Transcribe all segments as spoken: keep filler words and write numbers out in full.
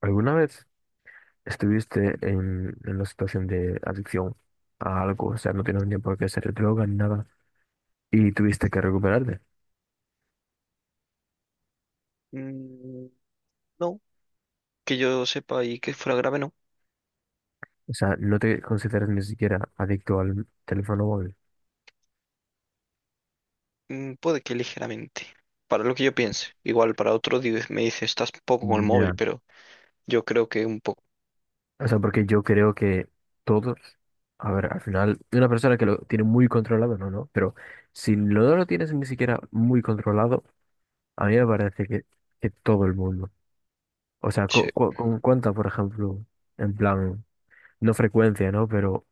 ¿Alguna vez estuviste en, en una situación de adicción a algo? O sea, no tienes ni por qué ser droga ni nada y tuviste que recuperarte. Mm, no, que yo sepa y que fuera grave, no. O sea, no te consideras ni siquiera adicto al teléfono móvil. Mm, puede que ligeramente. Para lo que yo piense. Igual para otro di- me dice, estás poco con el móvil, Ya. pero yo creo que un poco. O sea, porque yo creo que todos, a ver, al final, una persona que lo tiene muy controlado, no, no, pero si no lo tienes ni siquiera muy controlado, a mí me parece que, que todo el mundo. O sea, Sí. cu- cu- con cuánta, por ejemplo, en plan, no frecuencia, ¿no? Pero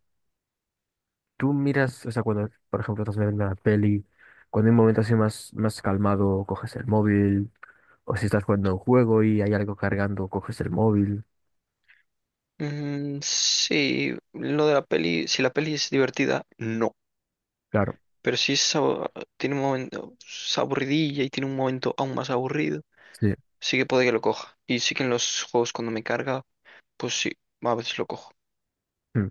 tú miras, o sea, cuando, por ejemplo, estás viendo una peli, cuando hay un momento así más, más calmado, coges el móvil, o si estás jugando un juego y hay algo cargando, coges el móvil. Mm, sí, lo de la peli, si la peli es divertida, no. Claro, Pero si es, abo- tiene un momento es aburridilla y tiene un momento aún más aburrido, sí. sí que puede que lo coja. Y sí que en los juegos cuando me carga, pues sí, a veces lo cojo. Mm.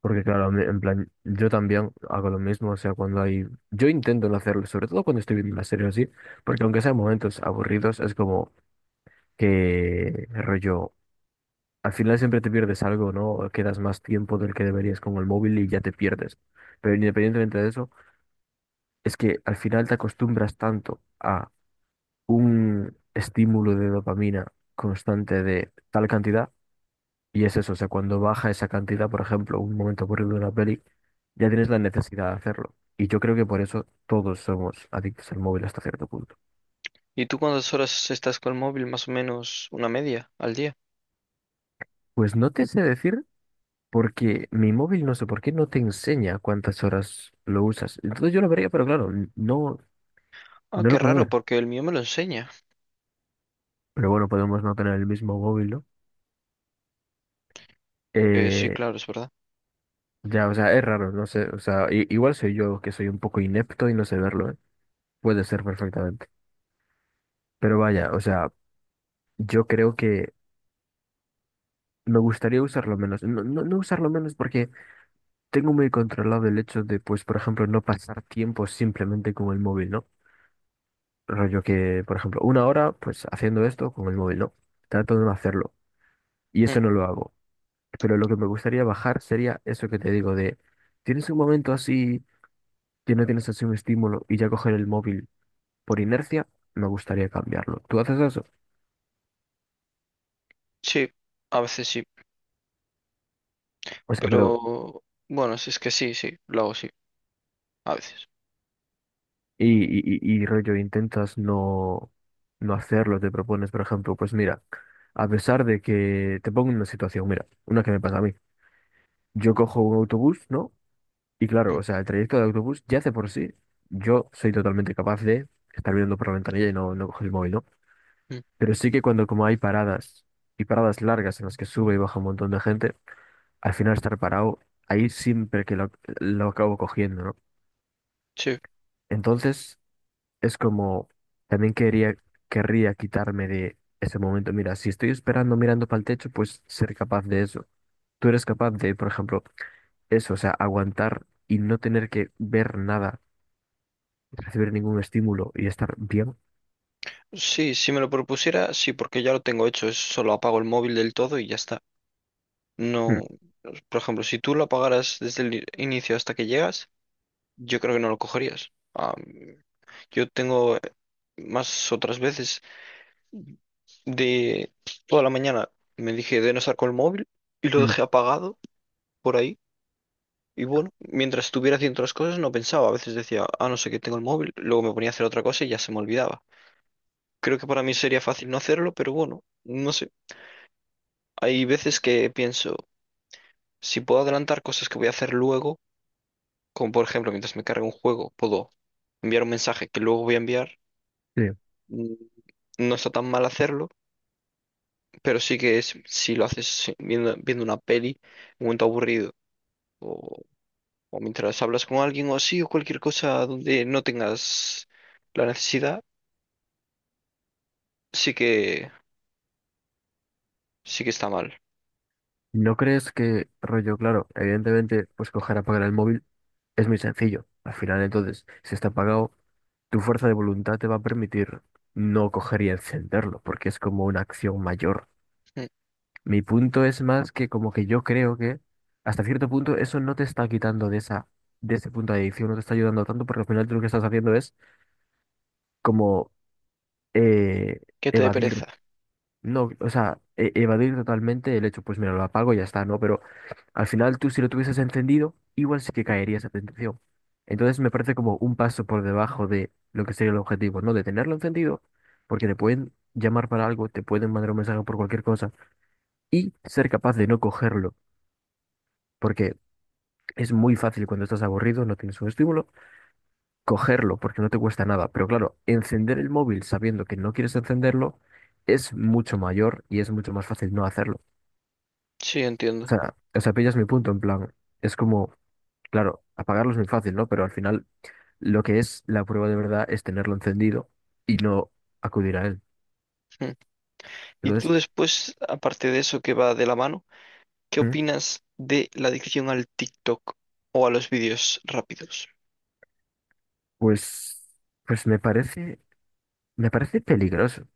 Porque claro, a mí, en plan, yo también hago lo mismo, o sea, cuando hay, yo intento no hacerlo, sobre todo cuando estoy viendo una serie o así, porque aunque sean momentos aburridos, es como que rollo, al final siempre te pierdes algo, ¿no? Quedas más tiempo del que deberías con el móvil y ya te pierdes. Pero independientemente de eso, es que al final te acostumbras tanto a un estímulo de dopamina constante de tal cantidad, y es eso, o sea, cuando baja esa cantidad, por ejemplo, un momento aburrido de una peli, ya tienes la necesidad de hacerlo. Y yo creo que por eso todos somos adictos al móvil hasta cierto punto. ¿Y tú cuántas horas estás con el móvil? Más o menos una media al día. Pues no te sé decir porque mi móvil no sé por qué no te enseña cuántas horas lo usas. Entonces yo lo vería, pero claro, n- no, Ah, no qué lo puedo raro, ver. porque el mío me lo enseña. Pero bueno, podemos no tener el mismo móvil, ¿no? Eh, sí, Eh, claro, es verdad. Ya, o sea, es raro, no sé, o sea, i- igual soy yo que soy un poco inepto y no sé verlo, ¿eh? Puede ser perfectamente. Pero vaya, o sea, yo creo que me gustaría usarlo menos, no, no, no usarlo menos porque tengo muy controlado el hecho de, pues, por ejemplo, no pasar tiempo simplemente con el móvil, ¿no? Rollo que, por ejemplo, una hora, pues, haciendo esto con el móvil, ¿no? Trato de no hacerlo y Mm, eso no lo hago. Pero lo que me gustaría bajar sería eso que te digo de, tienes un momento así que no tienes así un estímulo y ya coger el móvil por inercia, me gustaría cambiarlo. ¿Tú haces eso? Sí, a veces sí, O sea, pero, pero bueno, si es que sí, sí, lo hago sí, a veces. y, y, y y rollo, intentas no, no hacerlo, te propones, por ejemplo, pues mira, a pesar de que te pongo en una situación, mira, una que me pasa a mí. Yo cojo un autobús, ¿no? Y claro, Mm, o sea, el trayecto de autobús ya hace por sí, yo soy totalmente capaz de estar viendo por la ventanilla y no, no coger el móvil, ¿no? mm, Pero sí que cuando como hay paradas y paradas largas en las que sube y baja un montón de gente, al final estar parado, ahí siempre que lo, lo acabo cogiendo, ¿no? Sí, Entonces, es como, también quería, querría quitarme de ese momento. Mira, si estoy esperando mirando para el techo, pues ser capaz de eso. Tú eres capaz de, por ejemplo, eso, o sea, aguantar y no tener que ver nada, recibir ningún estímulo y estar bien. sí, si me lo propusiera, sí, porque ya lo tengo hecho, es solo apago el móvil del todo y ya está. Mm, No, por ejemplo, si tú lo apagaras desde el i- inicio hasta que llegas, yo creo que no lo cogerías. Ah, yo tengo eh, más otras veces de toda la mañana me dije de no estar con el móvil y lo mm, dejé apagado por ahí. Y bueno, mientras estuviera haciendo otras cosas no pensaba. A veces decía, ah, no sé qué tengo el móvil. Luego me ponía a hacer otra cosa y ya se me olvidaba. Creo que para mí sería fácil no hacerlo, pero bueno, no sé. Hay veces que pienso, si puedo adelantar cosas que voy a hacer luego, como por ejemplo mientras me cargue un juego, puedo enviar un mensaje que luego voy a enviar. sí. Mm, No está tan mal hacerlo, pero sí que es, si lo haces sí, viendo, viendo una peli, un momento aburrido, o, o mientras hablas con alguien o así, o cualquier cosa donde no tengas la necesidad sí que, sí que está mal. ¿No crees que, rollo, claro, evidentemente, pues coger, apagar el móvil es muy sencillo? Al final, entonces, si está apagado, tu fuerza de voluntad te va a permitir no coger y encenderlo, porque es como una acción mayor. Mm. Mi punto es más que como que yo creo que hasta cierto punto eso no te está quitando de esa, de ese punto de adicción, no te está ayudando tanto porque al final tú lo que estás haciendo es como eh, Que te dé evadir, pereza. no, o sea, e- evadir totalmente el hecho, pues mira, lo apago y ya está, ¿no? Pero al final tú si lo tuvieses encendido, igual sí que caería esa tentación. Entonces me parece como un paso por debajo de lo que sería el objetivo, ¿no? De tenerlo encendido, porque te pueden llamar para algo, te pueden mandar un mensaje por cualquier cosa y ser capaz de no cogerlo. Porque es muy fácil cuando estás aburrido, no tienes un estímulo, cogerlo porque no te cuesta nada. Pero claro, encender el móvil sabiendo que no quieres encenderlo es mucho mayor y es mucho más fácil no hacerlo. Sí, O entiendo. sea, o sea, pillas mi punto en plan, es como, claro, apagarlo es muy fácil, ¿no? Pero al final lo que es la prueba de verdad es tenerlo encendido y no acudir a él. Mm. Y Entonces, tú después, aparte de eso que va de la mano, ¿qué ¿mm? opinas de la adicción al TikTok o a los vídeos rápidos? Pues, pues me parece, me parece peligroso.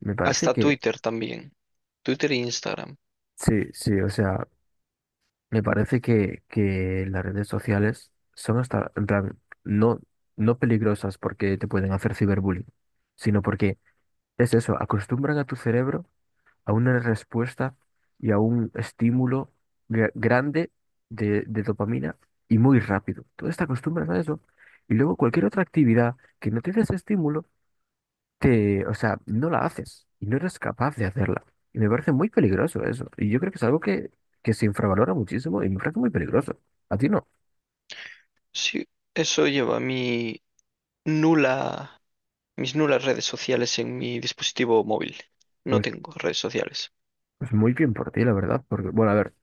Me parece Hasta que Twitter también. Twitter e Instagram. sí, sí, o sea, me parece que, que las redes sociales son hasta, en plan, no, no peligrosas porque te pueden hacer ciberbullying, sino porque es eso, acostumbran a tu cerebro a una respuesta y a un estímulo gra- grande de, de dopamina y muy rápido. Tú te acostumbras a eso. Y luego cualquier otra actividad que no te dé ese estímulo te, o sea, no la haces y no eres capaz de hacerla. Y me parece muy peligroso eso. Y yo creo que es algo que, que se infravalora muchísimo y me parece muy peligroso. ¿A ti no? Sí, eso lleva mi nula, mis nulas redes sociales en mi dispositivo móvil. No Pues, tengo redes sociales. pues muy bien por ti, la verdad. Porque, bueno, a ver,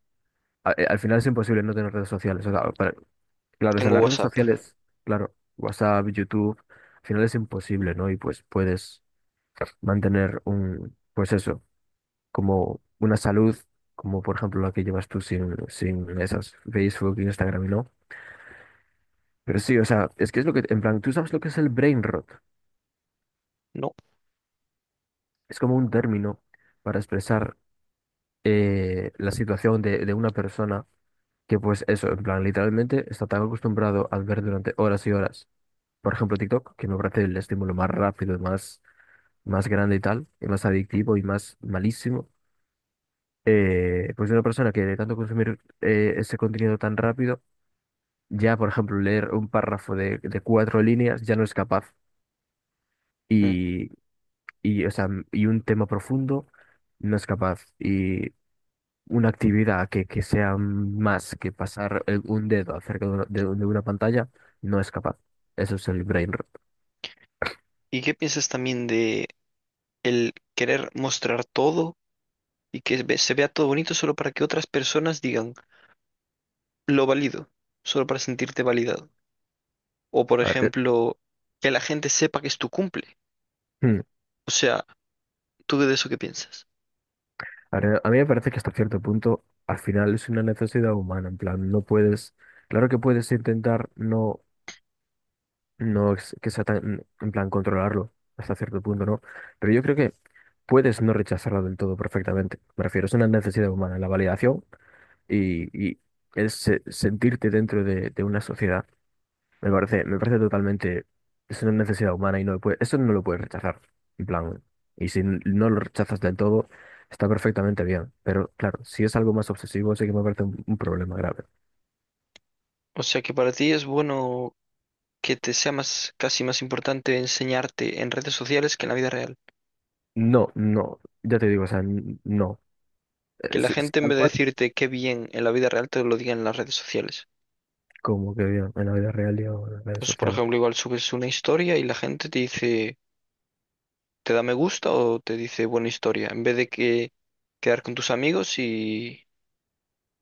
a- eh, al final es imposible no tener redes sociales. O sea, para- claro, o sea, Tengo las redes WhatsApp. sociales, claro, WhatsApp, YouTube, al final es imposible, ¿no? Y pues puedes mantener un, pues eso, como una salud, como por ejemplo la que llevas tú sin, sin esas, Facebook, Instagram, no. Pero sí, o sea, es que es lo que, en plan, tú sabes lo que es el brain rot. No. Es como un término para expresar eh, la situación de, de una persona que, pues, eso, en plan, literalmente está tan acostumbrado a ver durante horas y horas, por ejemplo, TikTok, que me parece el estímulo más rápido, y más, más grande y tal, y más adictivo y más malísimo. Eh, pues, de una persona que de tanto consumir eh, ese contenido tan rápido, ya, por ejemplo, leer un párrafo de, de cuatro líneas ya no es capaz. Mm. Y, o sea, m- y un tema profundo no es capaz. Y una actividad que, que sea más que pasar el- un dedo acerca de una, de de una pantalla no es capaz. Eso es el brain rot. ¿Y qué piensas también de el querer mostrar todo? Y que ve- se vea todo bonito solo para que otras personas digan, lo valido, solo para sentirte validado. O por A ver, eh, ejemplo, que la gente sepa que es tu cumple. hmm, O sea, ¿tú de eso qué piensas? a ver, a mí me parece que hasta cierto punto al final es una necesidad humana. En plan, no puedes, claro que puedes intentar no, no es- que sea tan, en plan, controlarlo hasta cierto punto, ¿no? Pero yo creo que puedes no rechazarlo del todo perfectamente. Me refiero, es una necesidad humana. La validación. Y, y el se- sentirte dentro de, de una sociedad me parece, me parece totalmente, es una necesidad humana y no lo puede- eso no lo puedes rechazar, en plan, y si n- no lo rechazas del todo, está perfectamente bien, pero claro, si es algo más obsesivo, sí que me parece un, un problema grave. O sea, que para ti es bueno que te sea más, casi más importante enseñarte en redes sociales que en la vida real. No, no, ya te digo, o sea, n- no. Que Eh, la si- Si gente en tal vez de cual decirte qué bien en la vida real te lo diga en las redes sociales. como que bien, en la vida real y en las redes Pues por sociales. ejemplo, igual subes una historia y la gente te dice, te da me gusta o te dice buena historia, en vez de que quedar con tus amigos y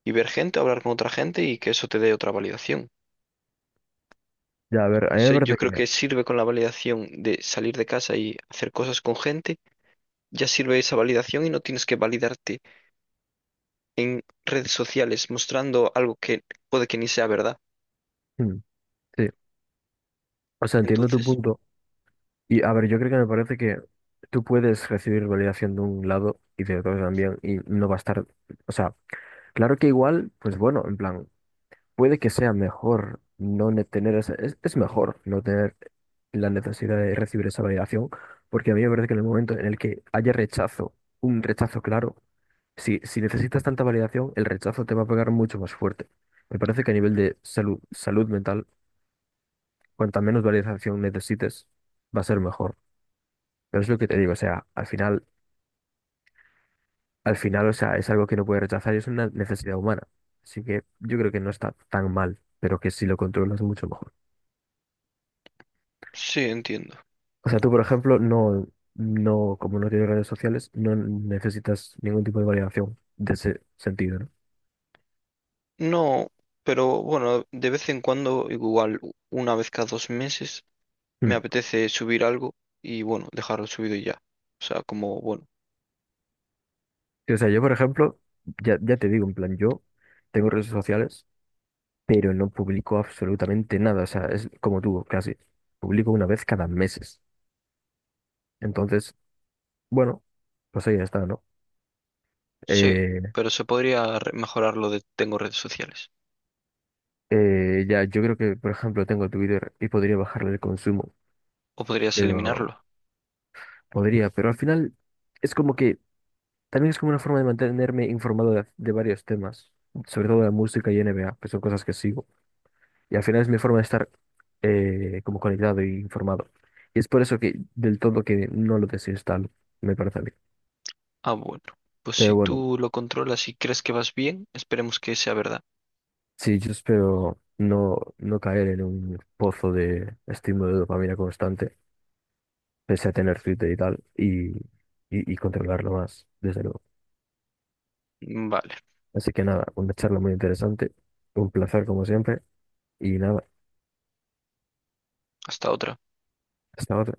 y ver gente, hablar con otra gente y que eso te dé otra validación. Ya, a ver, a No mí me sé, yo parece creo que, que sirve con la validación de salir de casa y hacer cosas con gente, ya sirve esa validación y no tienes que validarte en redes sociales mostrando algo que puede que ni sea verdad. mm, sí, o sea, entiendo tu Entonces, punto. Y a ver, yo creo que me parece que tú puedes recibir validación de un lado y de otro también y no va a estar, o sea, claro que igual, pues bueno, en plan, puede que sea mejor no ne- tener esa, es, es mejor no tener la necesidad de recibir esa validación, porque a mí me parece que en el momento en el que haya rechazo, un rechazo claro, si, si necesitas tanta validación, el rechazo te va a pegar mucho más fuerte. Me parece que a nivel de salud, salud mental, cuanta menos validación necesites, va a ser mejor. Pero es lo que te digo, o sea, al final, al final, o sea, es algo que no puedes rechazar y es una necesidad humana. Así que yo creo que no está tan mal, pero que si lo controlas mucho mejor. sí, entiendo. O sea, tú, por ejemplo, no, no, como no tienes redes sociales, no necesitas ningún tipo de validación de ese sentido, ¿no? No, pero bueno, de vez en cuando, igual una vez cada dos meses, me Mm. apetece subir algo y bueno, dejarlo subido y ya. O sea, como, bueno, Sí, o sea, yo, por ejemplo, ya, ya te digo, en plan, yo tengo redes sociales, pero no publico absolutamente nada. O sea, es como tú, casi. Publico una vez cada meses. Entonces, bueno, pues ahí está, ¿no? sí, Eh, pero se podría re- mejorar lo de tengo redes sociales. Eh, ya, yo creo que, por ejemplo, tengo Twitter y podría bajarle el consumo, O podrías pero eliminarlo. podría, pero al final es como que también es como una forma de mantenerme informado de, de varios temas, sobre todo de música y N B A, que son cosas que sigo, y al final es mi forma de estar eh, como conectado e informado. Y es por eso que del todo que no lo desinstalo, me parece a mí. Ah, bueno. Pues si Pero bueno, tú lo controlas y crees que vas bien, esperemos que sea verdad. sí, yo espero no, no caer en un pozo de estímulo de dopamina constante pese a tener Twitter y tal, y, y, y controlarlo más, desde luego. Vale, Así que nada, una charla muy interesante, un placer como siempre, y nada, hasta otra. hasta otra.